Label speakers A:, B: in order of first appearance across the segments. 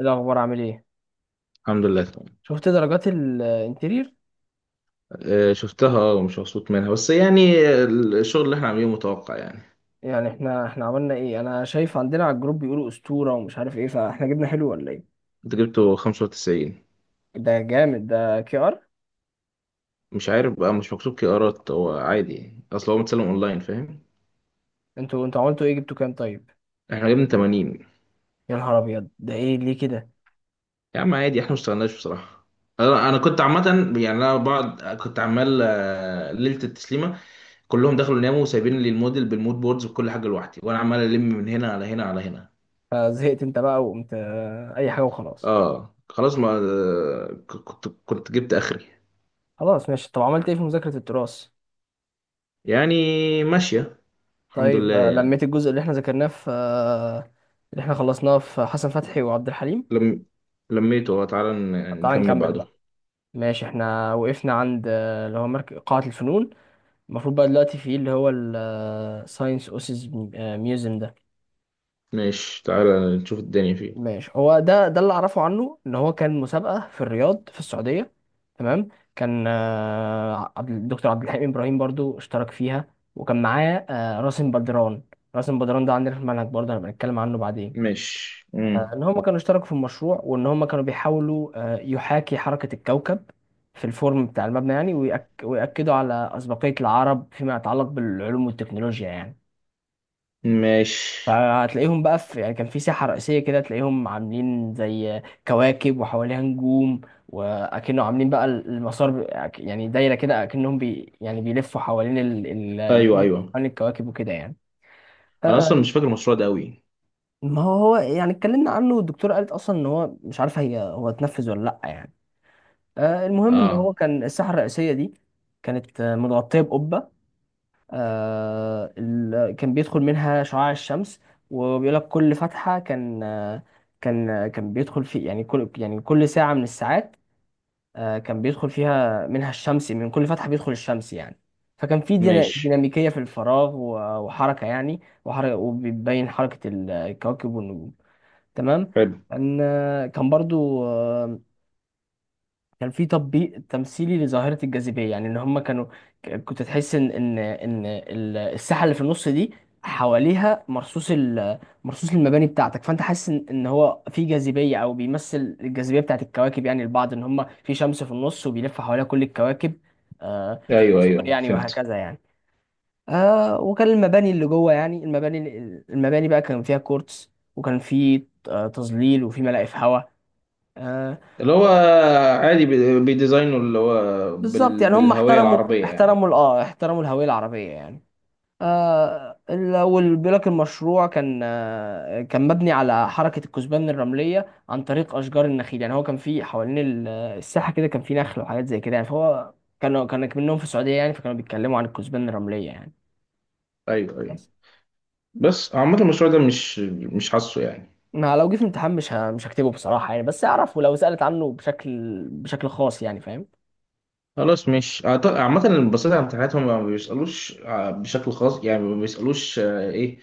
A: الأخبار عامل إيه؟
B: الحمد لله، تمام.
A: شفت درجات الانتيرير؟
B: آه، شفتها، اه، ومش مبسوط منها بس يعني الشغل اللي احنا عاملينه متوقع يعني.
A: يعني إحنا عملنا إيه؟ أنا شايف عندنا على الجروب بيقولوا أسطورة ومش عارف إيه، فإحنا جبنا حلو ولا إيه؟
B: انت جبته 95؟
A: ده جامد، ده كي آر؟
B: مش عارف بقى، مش مكتوب كي ارات، هو عادي يعني، اصل هو متسلم اونلاين، فاهم.
A: أنتوا عملتوا إيه، جبتوا كام طيب؟
B: احنا جبنا 80.
A: يا نهار أبيض، ده إيه ليه كده؟
B: يا عم عادي، احنا ما اشتغلناش بصراحة. انا كنت عامة. يعني انا بعد كنت عمال، ليلة التسليمة كلهم دخلوا ناموا وسايبين لي الموديل بالمود بوردز وكل حاجة لوحدي، وانا عمال الم من هنا على هنا على هنا.
A: فزهقت أنت بقى وقمت أي حاجة وخلاص.
B: اه خلاص، ما آه، ك- كنت كنت جبت اخري.
A: خلاص ماشي. طب عملت إيه في مذاكرة التراث؟
B: يعني ماشية، الحمد
A: طيب،
B: لله يعني.
A: لميت الجزء اللي إحنا ذاكرناه في آه، اللي إحنا خلصناه في حسن فتحي وعبد الحليم؟
B: لم لميته. هو تعالى
A: طب تعالى
B: نكمل
A: نكمل
B: بعده.
A: بقى. ماشي، إحنا وقفنا عند اللي هو مركز قاعة الفنون. المفروض بقى دلوقتي في ايه اللي هو الساينس اوسيس ميوزيوم ده.
B: ماشي، تعالى نشوف الدنيا فيه.
A: ماشي، هو ده اللي اعرفه عنه ان هو كان مسابقه في الرياض في السعوديه. تمام. كان الدكتور عبد الحليم ابراهيم برضو اشترك فيها، وكان معاه راسم بدران. راسم بدران ده عندنا في المنهج برضه، هنبقى نتكلم عنه بعدين.
B: ماشي. مم.
A: ان هما كانوا اشتركوا في المشروع، وان هما كانوا بيحاولوا يحاكي حركه الكوكب في الفورم بتاع المبنى يعني، ويأكدوا على أسبقية العرب فيما يتعلق بالعلوم والتكنولوجيا يعني.
B: ماشي.
A: فهتلاقيهم بقى في يعني، كان في ساحة رئيسية كده تلاقيهم عاملين زي كواكب وحواليها نجوم، وأكنه عاملين بقى يعني دايرة كده، أكنهم يعني بيلفوا حوالين
B: ايوه،
A: النجوم،
B: ايوه.
A: حوالين الكواكب وكده يعني.
B: انا اصلا
A: آه،
B: مش فاكر المشروع ده قوي.
A: ما هو يعني اتكلمنا عنه، والدكتورة قالت أصلا إن هو مش عارفة هي هو اتنفذ ولا لأ يعني. المهم إن
B: اه
A: هو كان الساحة الرئيسية دي كانت متغطية بقبة. كان بيدخل منها شعاع الشمس، وبيقول لك كل فتحة كان بيدخل في يعني كل يعني كل ساعة من الساعات. كان بيدخل فيها منها الشمس، من كل فتحة بيدخل الشمس يعني. فكان في
B: ماشي،
A: ديناميكية في الفراغ وحركة يعني، وحركة، وبيبين حركة الكواكب والنجوم. تمام.
B: حلو.
A: كان آه، كان برضو آه، كان في تطبيق تمثيلي لظاهرة الجاذبية، يعني ان هم كانوا كنت تحس ان ان الساحة اللي في النص دي حواليها مرصوص مرصوص المباني بتاعتك، فانت حاسس إن هو في جاذبية، او بيمثل الجاذبية بتاعت الكواكب، يعني البعض ان هم في شمس في النص وبيلف حواليها كل الكواكب في
B: ايوه،
A: المسار
B: ايوه،
A: يعني،
B: فهمت.
A: وهكذا يعني. آه، وكان المباني اللي جوه، يعني المباني بقى كان فيها كورتس، وكان في تظليل، وفي ملاقف هواء.
B: اللي هو عادي بيديزاينه، اللي هو
A: بالظبط يعني، هم
B: بالهوية
A: احترموا
B: العربية يعني.
A: احترموا ال- اه احترموا الهوية العربية يعني. والبلاك المشروع كان كان مبني على حركة الكثبان الرملية عن طريق أشجار النخيل يعني. هو كان في حوالين الساحة كده، كان في نخل وحاجات زي كده يعني، فهو كان منهم في السعودية يعني، فكانوا بيتكلموا عن الكثبان الرملية يعني.
B: ايوه، ايوه.
A: بس
B: بس عامة المشروع ده مش حاسه يعني.
A: ما لو جه في امتحان مش هكتبه بصراحة يعني، بس أعرفه لو سألت عنه بشكل خاص يعني، فاهم.
B: خلاص، مش. عامة اللي بصيت على امتحاناتهم ما بيسألوش بشكل خاص يعني، ما بيسألوش ايه،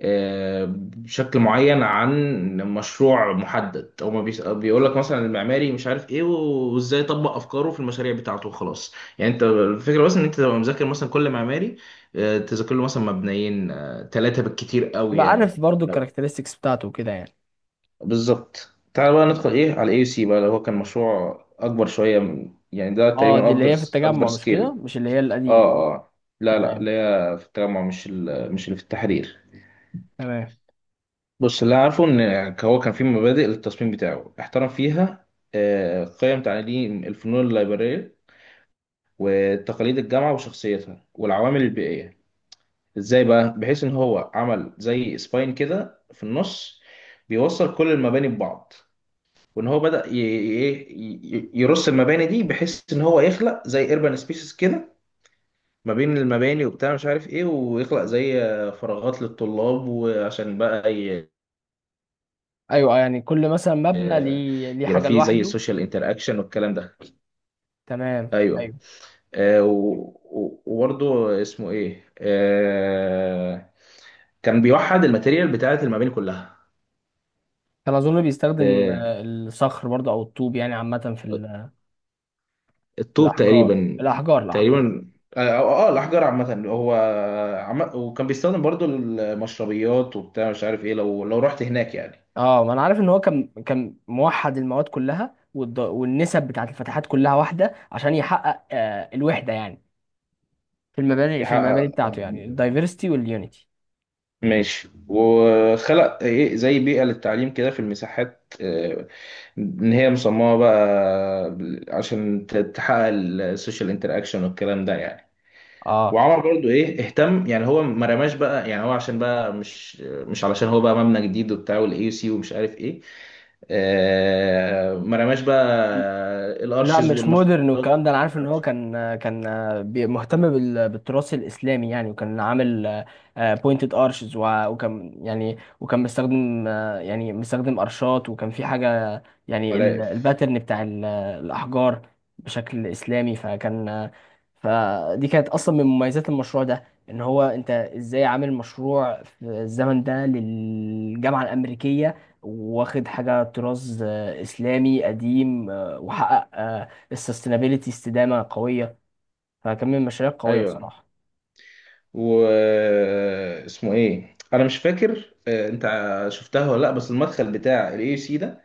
B: بشكل معين عن مشروع محدد. هو ما بيس- بيقول لك مثلا المعماري مش عارف ايه وازاي يطبق افكاره في المشاريع بتاعته، خلاص. يعني انت الفكره بس ان انت تبقى مذاكر مثلا كل معماري، تذاكر له مثلا مبنيين ثلاثه بالكتير قوي
A: يبقى
B: يعني.
A: عارف برضو
B: لو
A: الكاركترستكس بتاعته وكده يعني.
B: بالظبط. تعال بقى ندخل ايه على اي سي بقى، اللي هو كان مشروع اكبر شويه من، يعني ده
A: اه،
B: تقريبا
A: دي اللي
B: اكبر،
A: هي في
B: اكبر
A: التجمع، مش كده،
B: سكيل.
A: مش اللي هي القديمة.
B: اه، اه. لا، لا،
A: تمام
B: اللي هي في التجمع، مش اللي في التحرير.
A: تمام.
B: بص، اللي أنا عارفه ان هو كان في مبادئ للتصميم بتاعه احترم فيها قيم تعليم الفنون الليبرالية وتقاليد الجامعة وشخصيتها والعوامل البيئية. ازاي بقى؟ بحيث ان هو عمل زي سباين كده في النص بيوصل كل المباني ببعض، وان هو بدأ يرص المباني دي بحيث ان هو يخلق زي ايربان سبيسيس كده ما بين المباني وبتاع مش عارف ايه، ويخلق زي فراغات للطلاب، وعشان بقى
A: ايوه، يعني كل مثلا مبنى
B: آه،
A: ليه
B: يبقى
A: حاجه
B: فيه زي
A: لوحده.
B: سوشيال انتراكشن والكلام ده.
A: تمام،
B: ايوه.
A: ايوه.
B: آه و- وبرضه اسمه ايه؟ كان بيوحد الماتيريال بتاعت المباني كلها.
A: كان اظن بيستخدم
B: آه،
A: الصخر برضه، او الطوب يعني عامه، في في
B: الطوب
A: الاحجار
B: تقريبا.
A: الاحجار الاحجار
B: تقريبا. اه، الاحجار عامه هو. وكان بيستخدم برضو المشربيات وبتاع مش عارف ايه، لو رحت هناك يعني.
A: اه، ما انا عارف ان هو كان موحد المواد كلها، والنسب بتاعت الفتحات كلها واحده، عشان يحقق الوحده يعني، في المباني
B: يحقق.
A: بتاعته، يعني الدايفرستي واليونيتي.
B: ماشي، وخلق ايه زي بيئة للتعليم كده في المساحات، ان هي مصممة بقى عشان تحقق السوشيال انتراكشن والكلام ده يعني.
A: اه،
B: وعمر برضو ايه، اهتم يعني، هو ما رماش بقى يعني، هو عشان بقى مش علشان هو بقى مبنى جديد وبتاع والاي يو سي ومش عارف ايه، ما رماش بقى
A: لا،
B: الارشز
A: مش مودرن
B: والمشروعات
A: والكلام ده، انا عارف ان هو كان مهتم بالتراث الاسلامي يعني، وكان عامل بوينتد ارشز، وكان يعني وكان مستخدم آه، يعني مستخدم ارشات، وكان في حاجه، يعني
B: والملاقف.
A: الباترن بتاع الاحجار بشكل اسلامي. فكان آه، فدي كانت اصلا من مميزات المشروع ده، ان هو انت ازاي عامل مشروع في الزمن ده للجامعه الامريكيه، واخد حاجه طراز اسلامي قديم، وحقق السستينابيلتي استدامه قويه. فكان من المشاريع القويه
B: ايوه.
A: بصراحه.
B: و اسمه ايه؟ انا مش فاكر. انت شفتها ولا لا؟ بس المدخل بتاع الاي سي ده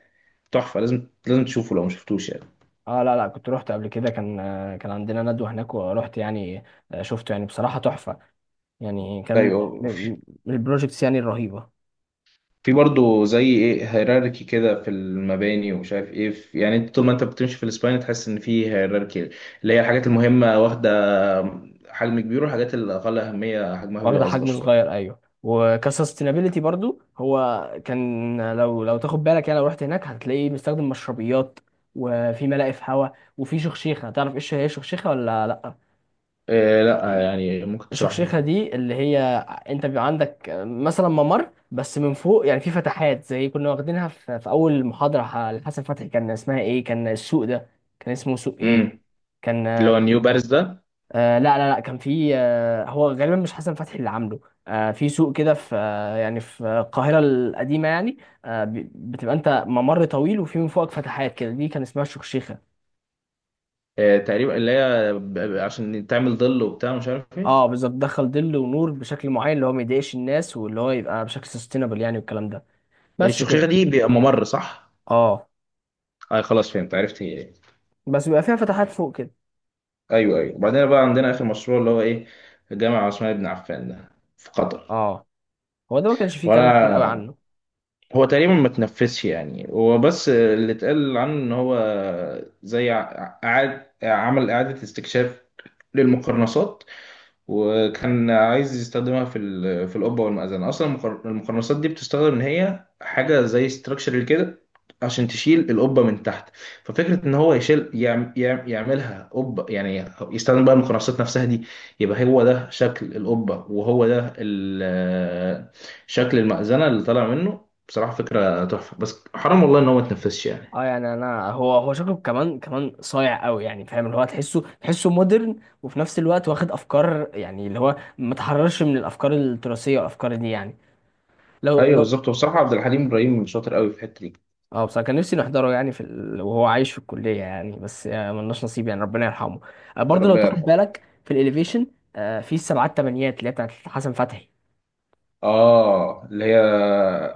B: تحفه، لازم لازم تشوفه لو ما شفتوش يعني.
A: اه، لا لا، كنت رحت قبل كده. كان عندنا ندوه هناك، ورحت يعني. شفته يعني، بصراحه تحفه يعني. كان
B: ايوه، في.
A: من من البروجكتس يعني الرهيبه.
B: في برضه زي ايه، هيراركي كده في المباني، ومش عارف ايه، في يعني، انت طول ما انت بتمشي في الاسباين تحس ان في هيراركي، اللي هي الحاجات المهمه واخده حجم كبير، والحاجات الاقل اهميه حجمها
A: واخده
B: بيبقى اصغر
A: حجم
B: شويه.
A: صغير، ايوه. وكسستينابيلتي برضو هو كان، لو تاخد بالك يعني، لو رحت هناك هتلاقيه بيستخدم مشربيات، وفي ملاقف هواء، وفي شخشيخه. تعرف ايش هي الشخشيخه ولا لا؟
B: إيه؟ لا يعني، ممكن تشرح
A: الشخشيخة
B: لي.
A: دي اللي هي، انت بيبقى عندك مثلا ممر بس، من فوق يعني في فتحات زي كنا واخدينها في اول محاضرة لحسن فتحي، كان اسمها ايه، كان السوق ده كان اسمه سوق ايه
B: امم.
A: كان.
B: اللي هو نيو باريس ده.
A: لا لا لا، كان في هو غالبا مش حسن فتحي اللي عامله. آه، في سوق كده في آه يعني في القاهرة القديمة يعني. بتبقى انت ممر طويل، وفي من فوقك فتحات كده، دي كان اسمها الشخشيخة.
B: تقريبا اللي هي عشان تعمل ظل وبتاع مش عارف
A: اه
B: ايه.
A: بالظبط، دخل ظل ونور بشكل معين، اللي هو ما يضايقش الناس، واللي هو يبقى بشكل سستينابل يعني والكلام ده. بس كده.
B: الشخيرة دي بيبقى ممر، صح؟
A: اه،
B: اه، خلاص فهمت، عرفت هي ايه.
A: بس بيبقى فيها فتحات فوق كده.
B: ايوه، ايوه. وبعدين بقى عندنا اخر مشروع، اللي هو ايه، الجامعة عثمان بن عفان ده في قطر.
A: اه، هو ده، ما كانش فيه كلام كتير قوي
B: وانا،
A: عنه.
B: هو تقريبا ما تنفذش يعني. هو بس اللي اتقال عنه ان هو زي عاد عمل اعادة استكشاف للمقرنصات، وكان عايز يستخدمها في في القبه والمأذنه. اصلا المقرنصات دي بتستخدم ان هي حاجه زي ستراكشر كده عشان تشيل القبه من تحت. ففكره ان هو يشيل، يعملها قبه يعني، يستخدم بقى المقرنصات نفسها دي. يبقى هو ده شكل القبه، وهو ده شكل المأذنه اللي طالع منه. بصراحه فكره تحفه، بس حرام والله ان هو ما اتنفذش يعني.
A: اه يعني، انا هو شكله كمان كمان صايع قوي يعني، فاهم، اللي هو تحسه مودرن، وفي نفس الوقت واخد افكار، يعني اللي هو ما تحررش من الافكار التراثيه والافكار دي يعني. لو
B: ايوه
A: لو
B: بالظبط. وبصراحه عبد الحليم ابراهيم شاطر قوي في الحته دي.
A: اه بصراحه، كان نفسي نحضره يعني، وهو عايش في الكليه يعني، بس ملناش نصيب يعني، ربنا يرحمه. برضه لو
B: ربنا
A: تاخد
B: يرحمه.
A: بالك في الاليفيشن، في السبعات تمانيات اللي هي بتاعت حسن فتحي.
B: اه، اللي هي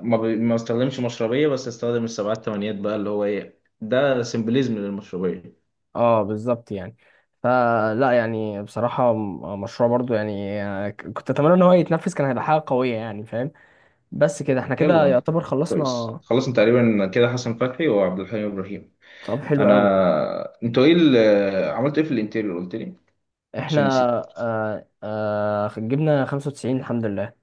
B: ما استخدمش مشربية، بس استخدم السبعات تمانيات بقى، اللي هو ايه، ده سيمبليزم للمشربية.
A: اه بالظبط يعني، فلا يعني بصراحة، مشروع برضو يعني، كنت اتمنى ان هو يتنفذ، كان هيبقى حاجة قوية يعني، فاهم. بس كده، احنا كده
B: يلا،
A: يعتبر خلصنا.
B: خلصنا تقريبا كده حسن فتحي وعبد الحليم ابراهيم.
A: طب حلو قوي.
B: انا انتوا عملتوا ايه في الانتيريور؟ قلت لي
A: احنا
B: عشان نسيت.
A: جبنا 95 الحمد لله،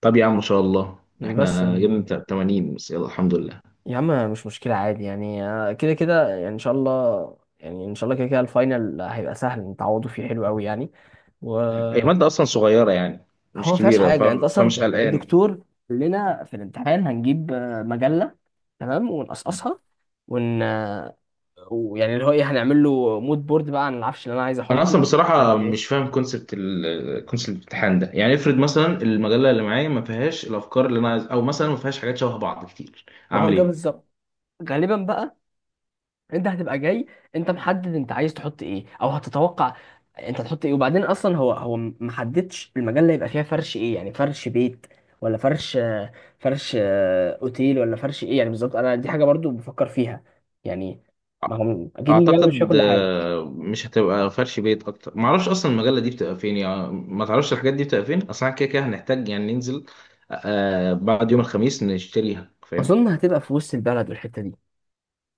B: طب يا عم، ما شاء الله.
A: بس
B: احنا جبنا
A: يعني.
B: 80 بس، يلا الحمد لله.
A: يا عم مش مشكلة، عادي يعني. كده كده يعني، ان شاء الله يعني، ان شاء الله كده كده الفاينل هيبقى سهل، نتعوضوا فيه حلو قوي يعني. و،
B: هي مادة اصلا صغيرة يعني،
A: هو
B: مش
A: ما فيهاش
B: كبيرة
A: حاجه يعني، انت اصلا
B: فمش قلقان.
A: الدكتور قال لنا في الامتحان هنجيب مجله، تمام، ونقصقصها، ون آه، ويعني اللي هو ايه، هنعمل له مود بورد بقى عن العفش اللي انا عايز
B: انا
A: احطه.
B: اصلا
A: مش
B: بصراحه
A: عارف
B: مش
A: ايه.
B: فاهم كونسبت، الامتحان ده. يعني افرض مثلا المجله اللي معايا ما فيهاش الافكار اللي انا عايز، او مثلا ما فيهاش حاجات شبه بعض كتير،
A: ما هو
B: اعمل
A: ده
B: ايه؟
A: بالظبط. غالبا بقى انت هتبقى جاي، انت محدد انت عايز تحط ايه، او هتتوقع انت هتحط ايه. وبعدين اصلا هو محددش المجال اللي هيبقى فيها فرش ايه، يعني فرش بيت ولا فرش اوتيل، ولا فرش ايه يعني بالظبط. انا دي حاجه برضو بفكر فيها يعني،
B: أ-
A: ما هو اكيد المجال مش فيها
B: اعتقد
A: كل حاجه.
B: مش هتبقى فرش بيت اكتر. ما اعرفش اصلا المجله دي بتبقى فين يعني، ما تعرفش الحاجات دي بتبقى فين اصلا، كده كده هنحتاج يعني ننزل بعد يوم الخميس نشتريها، فاهم.
A: اظن هتبقى في وسط البلد والحته دي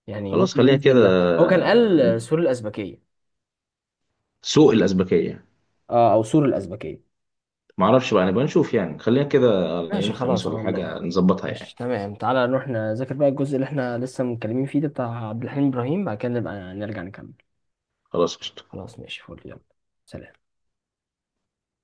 A: يعني،
B: خلاص،
A: ممكن
B: خلينا كده،
A: ننزل، هو كان قال سور الازبكيه.
B: سوق الازبكيه.
A: اه، او سور الازبكيه،
B: ما اعرفش بقى، نبقى نشوف يعني، خلينا كده على يوم
A: ماشي،
B: الخميس
A: خلاص
B: ولا
A: على
B: حاجه،
A: الله.
B: نظبطها
A: ماشي
B: يعني.
A: تمام، تعالى نروح نذاكر بقى الجزء اللي احنا لسه متكلمين فيه ده بتاع عبد الحليم إبراهيم، بعد كده نبقى نرجع نكمل.
B: خلاص، قشطة.
A: خلاص ماشي، فل، يلا سلام.